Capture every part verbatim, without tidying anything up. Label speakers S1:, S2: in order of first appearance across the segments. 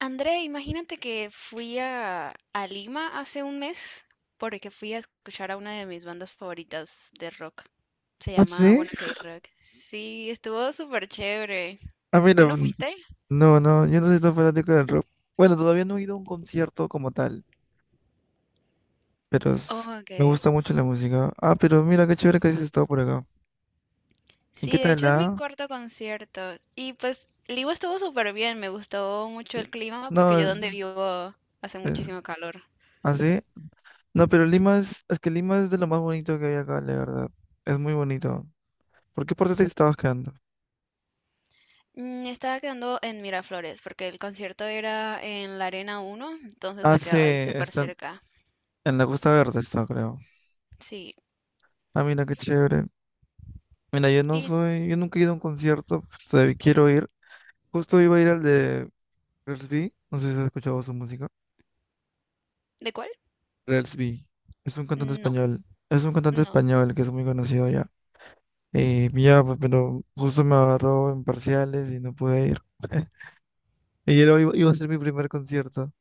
S1: André, imagínate que fui a, a Lima hace un mes porque fui a escuchar a una de mis bandas favoritas de rock. Se
S2: ¿Ah,
S1: llama
S2: sí?
S1: Bueno K Rock. Sí, estuvo súper chévere.
S2: Ah, mira,
S1: ¿Tú no
S2: mm,
S1: fuiste?
S2: no, no, yo no soy tan fanático del rock. Bueno, todavía no he ido a un concierto como tal, pero s-
S1: Oh, ok.
S2: me gusta mucho la música. Ah, pero mira, qué chévere que has estado por acá. ¿Y qué
S1: Sí, de
S2: tal
S1: hecho es mi
S2: la?
S1: cuarto concierto. Y pues Lima estuvo súper bien. Me gustó mucho el clima porque
S2: No,
S1: yo donde
S2: es,
S1: vivo hace
S2: es,
S1: muchísimo calor.
S2: ¿ah, sí? No, pero Lima es, es que Lima es de lo más bonito que hay acá, la verdad. Es muy bonito. ¿Por qué parte te estabas quedando?
S1: Mm, Estaba quedando en Miraflores porque el concierto era en la Arena Uno, entonces
S2: Ah,
S1: me
S2: sí,
S1: quedaba ahí súper
S2: está
S1: cerca.
S2: en la Costa Verde, está, creo.
S1: Sí.
S2: Ah, mira, qué chévere. Mira, yo no
S1: ¿Y,
S2: soy, yo nunca he ido a un concierto, todavía quiero ir. Justo iba a ir al de Rels B, no sé si has escuchado su música.
S1: ¿De cuál?
S2: Rels B es un cantante
S1: No,
S2: español. Es un cantante
S1: no.
S2: español que es muy conocido ya. Eh, ya, pues, pero justo me agarró en parciales y no pude ir. Y era- iba, iba a ser mi primer concierto.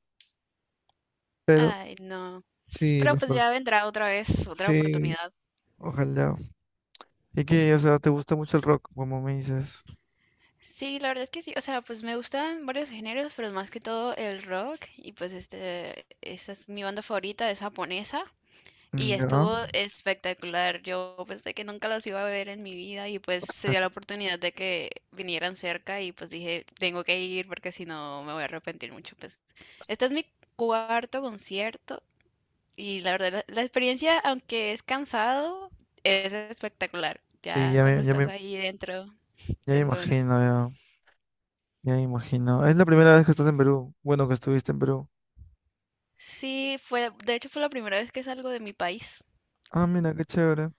S2: Pero
S1: Ay, no.
S2: sí,
S1: Pero
S2: los
S1: pues
S2: par-
S1: ya vendrá otra vez, otra
S2: sí,
S1: oportunidad.
S2: ojalá. Y que, o sea, te gusta mucho el rock, como me dices.
S1: Sí, la verdad es que sí. O sea, pues me gustan varios géneros, pero más que todo el rock. Y pues este, esa es mi banda favorita, es japonesa. Y
S2: Mm. Ya.
S1: estuvo espectacular. Yo pensé que nunca los iba a ver en mi vida y pues se dio la oportunidad de que vinieran cerca y pues dije, tengo que ir porque si no me voy a arrepentir mucho. Pues este es mi cuarto concierto. Y la verdad, la, la experiencia, aunque es cansado, es espectacular.
S2: Sí,
S1: Ya
S2: ya
S1: cuando
S2: me, ya
S1: estás
S2: me,
S1: ahí dentro,
S2: ya me
S1: es bueno.
S2: imagino, ya. Ya me imagino. Es la primera vez que estás en Perú. Bueno, que estuviste en Perú.
S1: Sí, fue, de hecho fue la primera vez que salgo de mi país.
S2: Ah, mira, qué chévere.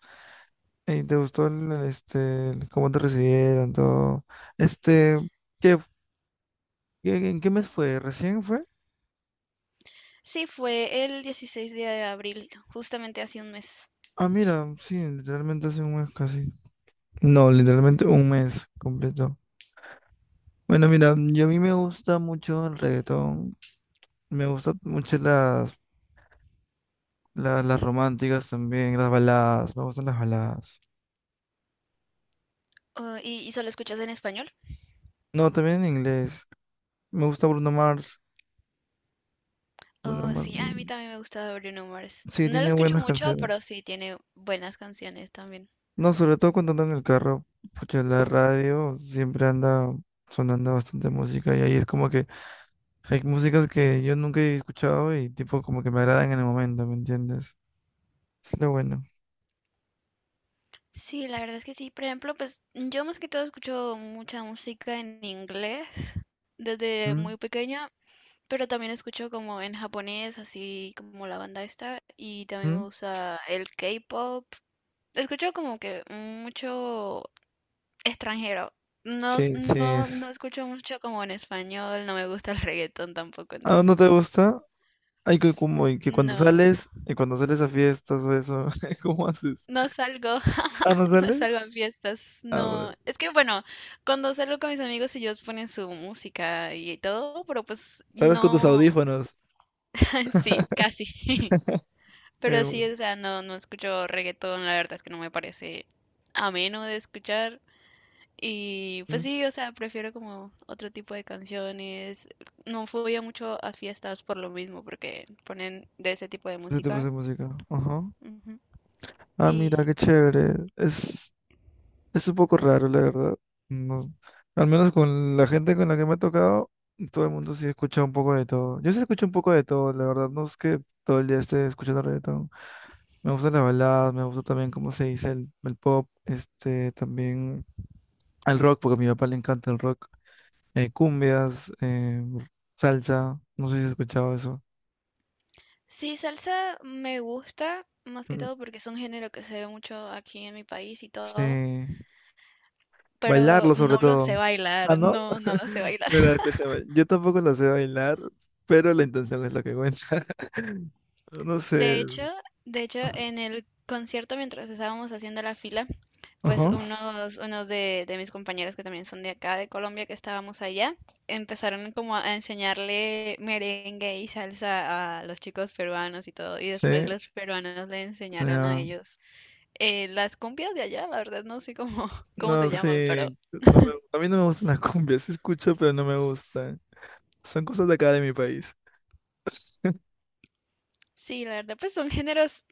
S2: ¿Y te gustó el, el, este, el cómo te recibieron, todo? Este, ¿qué, qué- en qué mes fue? ¿Recién fue?
S1: Sí, fue el dieciséis de abril, justamente hace un mes.
S2: Ah, mira, sí, literalmente hace un mes casi. No, literalmente un mes completo. Bueno, mira, yo a mí me gusta mucho el reggaetón. Me gustan mucho las, la- las románticas también, las baladas. Me gustan las baladas.
S1: Oh, ¿y, y solo escuchas en español?
S2: No, también en inglés. Me gusta Bruno Mars. Bruno
S1: Oh,
S2: Mars.
S1: sí, a mí
S2: mm,
S1: también me gusta Bruno Mars.
S2: Sí,
S1: No lo
S2: tiene
S1: escucho
S2: buenas
S1: mucho, pero
S2: canciones.
S1: sí tiene buenas canciones también.
S2: No, sobre todo cuando ando en el carro, pucha, la radio siempre anda sonando bastante música y ahí es como que hay músicas que yo nunca he escuchado y tipo como que me agradan en el momento, ¿me entiendes? Es lo bueno.
S1: Sí, la verdad es que sí. Por ejemplo, pues yo más que todo escucho mucha música en inglés desde
S2: ¿Mm?
S1: muy pequeña. Pero también escucho como en japonés, así como la banda esta, y también me
S2: ¿Mm?
S1: gusta el K-pop. Escucho como que mucho extranjero. No, s-
S2: Sí, sí
S1: no, no
S2: es.
S1: escucho mucho como en español, no me gusta el reggaetón tampoco,
S2: ¿Ah, no
S1: entonces
S2: te gusta? Hay que como y que cuando
S1: no,
S2: sales y cuando sales a fiestas o eso, ¿cómo haces?
S1: no salgo,
S2: ¿Ah, no
S1: no salgo
S2: sales?
S1: a fiestas,
S2: Ah, bueno.
S1: no. Es que bueno, cuando salgo con mis amigos ellos ponen su música y todo, pero pues
S2: Sales con tus
S1: no,
S2: audífonos.
S1: sí, casi.
S2: Eh,
S1: Pero sí,
S2: bueno.
S1: o sea, no, no escucho reggaetón, la verdad es que no me parece ameno de escuchar. Y pues
S2: ¿Mm?
S1: sí, o sea, prefiero como otro tipo de canciones. No fui a mucho a fiestas por lo mismo, porque ponen de ese tipo de
S2: Ese tipo
S1: música.
S2: de música. Ajá.
S1: Ujú.
S2: Ah,
S1: Y
S2: mira,
S1: sí.
S2: qué chévere. Es Es un poco raro, la verdad. No- al menos con la gente con la que me ha tocado, todo el mundo sí escucha un poco de todo. Yo sí escucho un poco de todo, la verdad. No es que todo el día esté escuchando reggaetón. Me gustan las baladas, me gusta también cómo se dice el, el pop, este, también el rock, porque a mi papá le encanta el rock. Eh, cumbias, eh, salsa, no sé si has escuchado eso.
S1: Sí, salsa me gusta, más que
S2: Mm.
S1: todo porque es un género que se ve mucho aquí en mi país y todo,
S2: Sí.
S1: pero
S2: Bailarlo sobre
S1: no lo
S2: todo.
S1: sé
S2: Ah,
S1: bailar,
S2: ¿no?
S1: no, no lo sé bailar.
S2: Mira, sí, escúchame, yo tampoco lo sé bailar, pero la intención es lo que cuenta. No
S1: De
S2: sé.
S1: hecho, de hecho, en el concierto mientras estábamos haciendo la fila, pues
S2: Ajá,
S1: unos, unos de, de mis compañeros que también son de acá, de Colombia, que estábamos allá, empezaron como a enseñarle merengue y salsa a los chicos peruanos y todo, y después
S2: sí,
S1: los peruanos le
S2: o
S1: enseñaron a
S2: sea,
S1: ellos eh, las cumbias de allá, la verdad no sé cómo, cómo se
S2: no
S1: llaman, pero
S2: sé, no me- a mí no me gustan las cumbias, sí escucho, pero no me gustan. Son cosas de acá de mi país,
S1: sí, la verdad, pues son géneros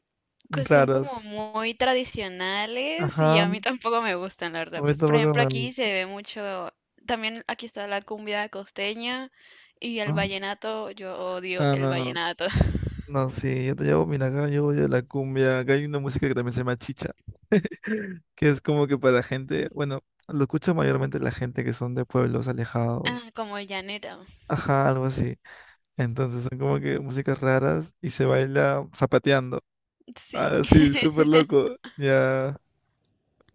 S1: que son como
S2: raras.
S1: muy tradicionales y
S2: Ajá,
S1: a mí tampoco me gustan, la
S2: no
S1: verdad.
S2: me
S1: Pues, por
S2: tampoco
S1: ejemplo,
S2: me
S1: aquí se
S2: gustan.
S1: ve mucho, también aquí está la cumbia costeña y el vallenato, yo odio
S2: Ah,
S1: el
S2: no, no,
S1: vallenato.
S2: No, sí, yo te llevo, mira, acá yo voy a la cumbia. Acá hay una música que también se llama chicha, que es como que para la gente, bueno, lo escucha mayormente la gente que son de pueblos alejados.
S1: Ah, como llanera,
S2: Ajá, algo así. Entonces son como que músicas raras y se baila zapateando.
S1: sí.
S2: Ah, sí, súper loco. Ya.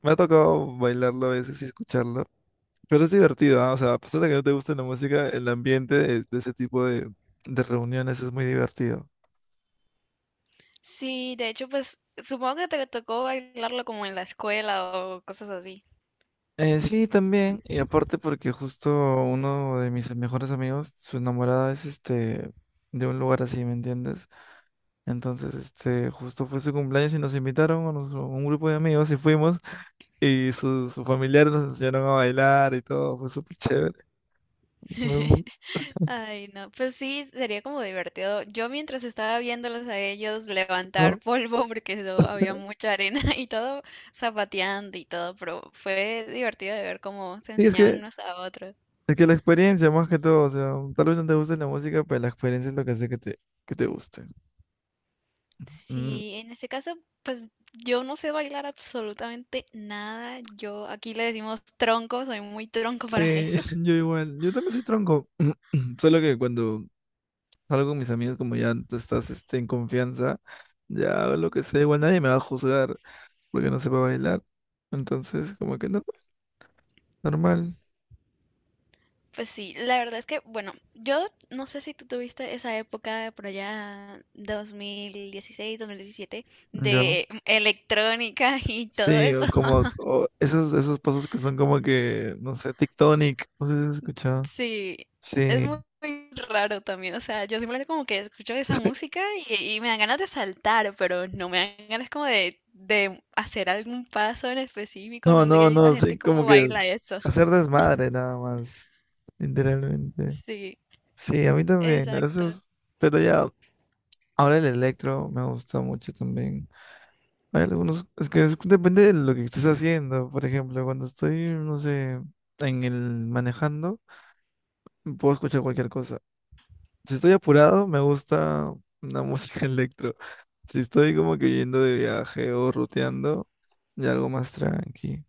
S2: Me ha tocado bailarlo a veces y escucharlo. Pero es divertido, ¿ah? O sea, a pesar de que no te guste la música, el ambiente de, de ese tipo de, de reuniones es muy divertido.
S1: Sí, de hecho, pues supongo que te tocó bailarlo como en la escuela o cosas así.
S2: Eh, sí, también, y aparte porque justo uno de mis mejores amigos, su enamorada es este de un lugar así, ¿me entiendes? Entonces, este, justo fue su cumpleaños y nos invitaron a nos- a un grupo de amigos y fuimos y sus sus familiares nos enseñaron a bailar y todo, fue súper chévere. Me gu-
S1: Ay, no, pues sí, sería como divertido. Yo mientras estaba viéndolos a ellos levantar
S2: ¿no?
S1: polvo, porque eso había mucha arena y todo, zapateando y todo, pero fue divertido de ver cómo se
S2: Y es
S1: enseñaban
S2: que,
S1: unos a otros.
S2: es que la experiencia más que todo, o sea, tal vez no te guste la música, pero la experiencia es lo que hace que te, que te guste. Mm,
S1: Sí, en este caso, pues yo no sé bailar absolutamente nada. Yo aquí le decimos tronco, soy muy tronco para
S2: sí,
S1: eso.
S2: yo igual, yo también soy tronco, solo que cuando salgo con mis amigos, como ya tú estás este, en confianza, ya hago lo que sea, igual nadie me va a juzgar porque no sepa bailar. Entonces, como que normal, normal.
S1: Pues sí, la verdad es que, bueno, yo no sé si tú tuviste esa época por allá dos dos mil dieciséis dos mil diecisiete
S2: Ya.
S1: de electrónica y todo
S2: Sí,
S1: eso.
S2: o como o esos, esos pasos que son como que, no sé, tectonic, no sé si has escuchado.
S1: Sí, es
S2: Sí.
S1: muy, muy raro también, o sea, yo simplemente como que escucho esa música y, y me dan ganas de saltar, pero no me dan ganas como de, de hacer algún paso en específico,
S2: No,
S1: no sé
S2: no,
S1: qué, y la
S2: no,
S1: gente
S2: sí, como
S1: cómo
S2: que
S1: baila
S2: es
S1: eso.
S2: hacer desmadre nada más, literalmente.
S1: Sí,
S2: Sí, a mí también, a
S1: exacto.
S2: esos, pero ya, ahora el electro me gusta mucho también. Hay algunos, es que es- depende de lo que estés haciendo. Por ejemplo, cuando estoy, no sé, en el manejando, puedo escuchar cualquier cosa. Si estoy apurado, me gusta una música electro. Si estoy como que yendo de viaje o ruteando, ya algo más tranqui.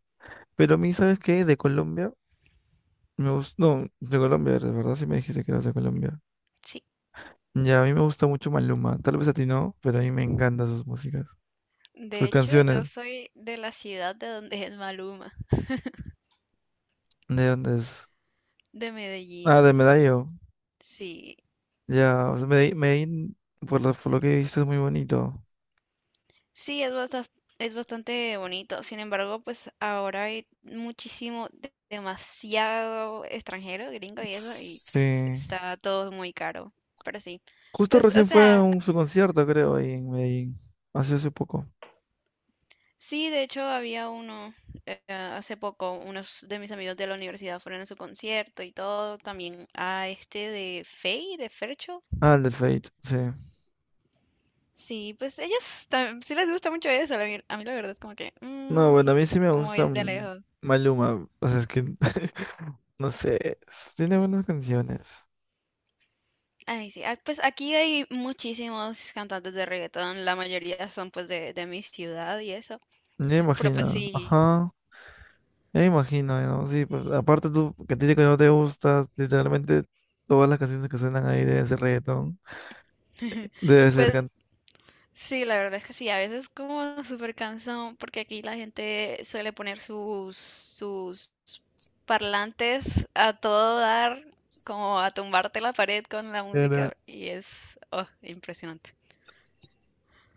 S2: Pero a mí, ¿sabes qué? De Colombia, me gusta, no, de Colombia, de verdad sí me dijiste que eras de Colombia.
S1: Sí,
S2: Ya, a mí me gusta mucho Maluma. Tal vez a ti no, pero a mí me encantan sus músicas,
S1: de
S2: sus
S1: hecho yo
S2: canciones.
S1: soy de la ciudad de donde es Maluma.
S2: ¿De dónde es?
S1: De
S2: Ah,
S1: Medellín,
S2: de Medallo.
S1: sí.
S2: Ya, o sea, Medellín, Medellín, por lo, por lo que viste es muy bonito.
S1: Sí, es bastante, es bastante bonito. Sin embargo, pues ahora hay muchísimo, de- demasiado extranjero, gringo y eso, y pues,
S2: Sí.
S1: está todo muy caro. Pero sí.
S2: Justo
S1: Pues, o
S2: recién fue a
S1: sea,
S2: un, su concierto, creo, ahí en Medellín. Hace hace poco.
S1: sí, de hecho había uno eh, hace poco, unos de mis amigos de la universidad fueron a su concierto y todo, también a este de Fey, de Fercho.
S2: Ah, el del Fate, sí.
S1: Sí, pues ellos tam- sí les gusta mucho eso, la ver- a mí la verdad es como que
S2: No,
S1: mm,
S2: bueno, a mí sí me
S1: muy
S2: gusta
S1: de
S2: mm,
S1: lejos.
S2: Maluma. O sea, es que, no sé, es- tiene buenas canciones.
S1: Ay, sí. Ah, pues aquí hay muchísimos cantantes de reggaetón, la mayoría son pues de, de mi ciudad y eso.
S2: Ya
S1: Pero pues
S2: imagino,
S1: sí,
S2: ajá. Ya imagino, ¿no? Sí, pues, aparte tú, que a ti que no te gusta, literalmente todas las canciones que suenan ahí deben ser reggaetón. Debe ser
S1: pues sí, la verdad es que sí, a veces como súper cansón, porque aquí la gente suele poner sus, sus parlantes a todo dar, como a tumbarte la pared con la
S2: cantar.
S1: música y es oh, impresionante.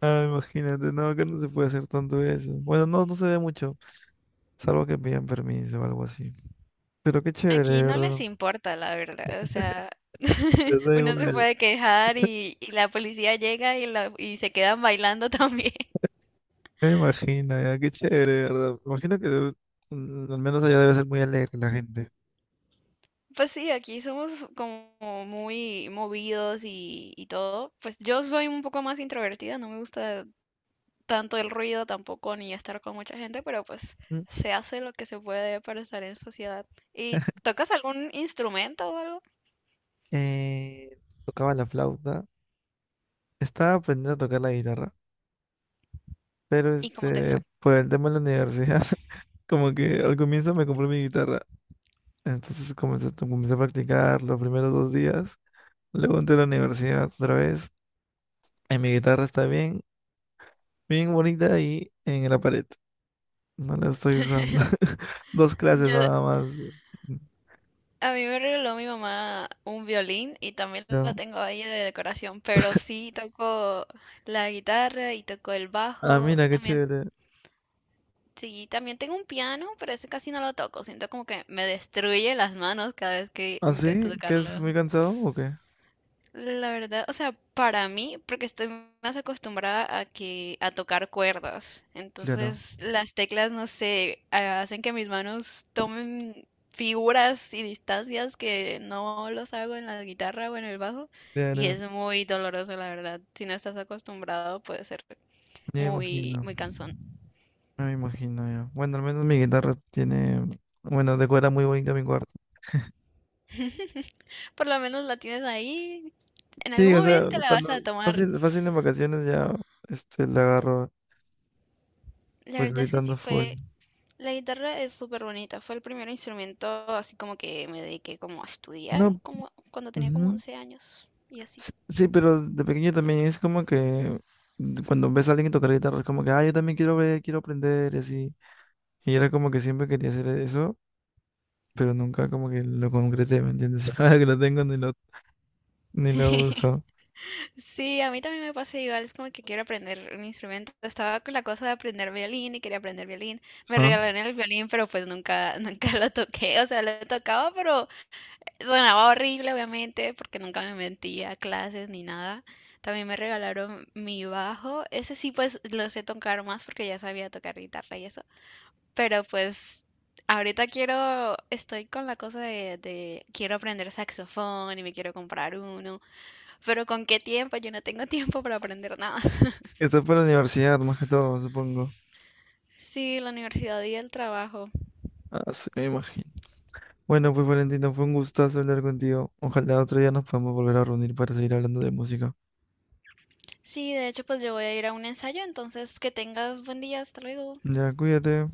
S2: Ah, imagínate, no, acá no se puede hacer tanto eso. Bueno, no, no se ve mucho, salvo que pidan permiso o algo así. Pero qué chévere,
S1: Aquí
S2: ¿de
S1: no
S2: verdad?
S1: les importa, la verdad. O sea,
S2: Les da
S1: uno se
S2: igual.
S1: puede quejar y, y la policía llega y, la- y se quedan bailando también.
S2: Me imagino, ya, qué chévere, ¿de verdad? Me imagino que debe- mm, al menos allá debe ser muy alegre la gente.
S1: Pues sí, aquí somos como muy movidos y, y todo. Pues yo soy un poco más introvertida, no me gusta tanto el ruido tampoco ni estar con mucha gente, pero pues
S2: ¿Mm?
S1: se hace lo que se puede para estar en sociedad. ¿Y tocas algún instrumento o algo?
S2: Eh, tocaba la flauta, estaba aprendiendo a tocar la guitarra, pero
S1: ¿Y cómo te
S2: este,
S1: fue?
S2: por el tema de la universidad, como que al comienzo me compré mi guitarra, entonces comencé, comencé a practicar los primeros dos días, luego entré a la universidad otra vez. En mi guitarra está bien, bien bonita y en la pared. No la estoy usando. Dos clases
S1: Yo,
S2: nada más.
S1: A mí me regaló mi mamá un violín y también
S2: Ya.
S1: lo tengo ahí de decoración, pero sí toco la guitarra y toco el
S2: Ah,
S1: bajo.
S2: mira, qué
S1: También,
S2: chévere.
S1: sí, también tengo un piano, pero ese casi no lo toco. Siento como que me destruye las manos cada vez que
S2: ¿Ah,
S1: intento
S2: sí? ¿Que es
S1: tocarlo.
S2: muy cansado o qué?
S1: La verdad, o sea, para mí, porque estoy más acostumbrada a que a tocar cuerdas,
S2: Claro,
S1: entonces las teclas, no sé, a- hacen que mis manos tomen figuras y distancias que no los hago en la guitarra o en el bajo, y
S2: claro.
S1: es muy doloroso, la verdad. Si no estás acostumbrado, puede ser
S2: Me imagino.
S1: muy, muy cansón.
S2: Me imagino yo. Bueno, al menos mi guitarra tiene, bueno, decora muy bonito mi cuarto.
S1: Por lo menos la tienes ahí, en
S2: Sí,
S1: algún
S2: o sea,
S1: momento la vas
S2: cuando
S1: a tomar.
S2: fácil, fácil en vacaciones ya, este, la agarro,
S1: La
S2: porque
S1: verdad es
S2: ahorita
S1: que sí
S2: ando full.
S1: fue. La guitarra es súper bonita, fue el primer instrumento así como que me dediqué como a estudiar
S2: No,
S1: como cuando tenía como
S2: ujú.
S1: once años y así.
S2: Sí, sí, pero de pequeño también es como que cuando ves a alguien tocar guitarra, es como que, ah, yo también quiero ver, quiero aprender y así. Y era como que siempre quería hacer eso, pero nunca como que lo concreté, ¿me entiendes? Ahora que lo tengo ni lo, ni lo uso.
S1: Sí, a mí también me pasa igual, es como que quiero aprender un instrumento. Estaba con la cosa de aprender violín y quería aprender violín. Me
S2: ¿Ah?
S1: regalaron el violín, pero pues nunca, nunca lo toqué. O sea, lo tocaba, pero sonaba horrible, obviamente, porque nunca me metí a clases ni nada. También me regalaron mi bajo. Ese sí, pues lo sé tocar más porque ya sabía tocar guitarra y eso. Pero pues ahorita quiero, estoy con la cosa de, de quiero aprender saxofón y me quiero comprar uno, pero ¿con qué tiempo? Yo no tengo tiempo para aprender nada.
S2: Esto fue la universidad, más que todo, supongo.
S1: Sí, la universidad y el trabajo.
S2: Ah, sí, me imagino. Bueno, pues Valentino, fue un gustazo hablar contigo. Ojalá otro día nos podamos volver a reunir para seguir hablando de música.
S1: Sí, de hecho, pues yo voy a ir a un ensayo, entonces que tengas buen día, hasta luego.
S2: Ya, cuídate.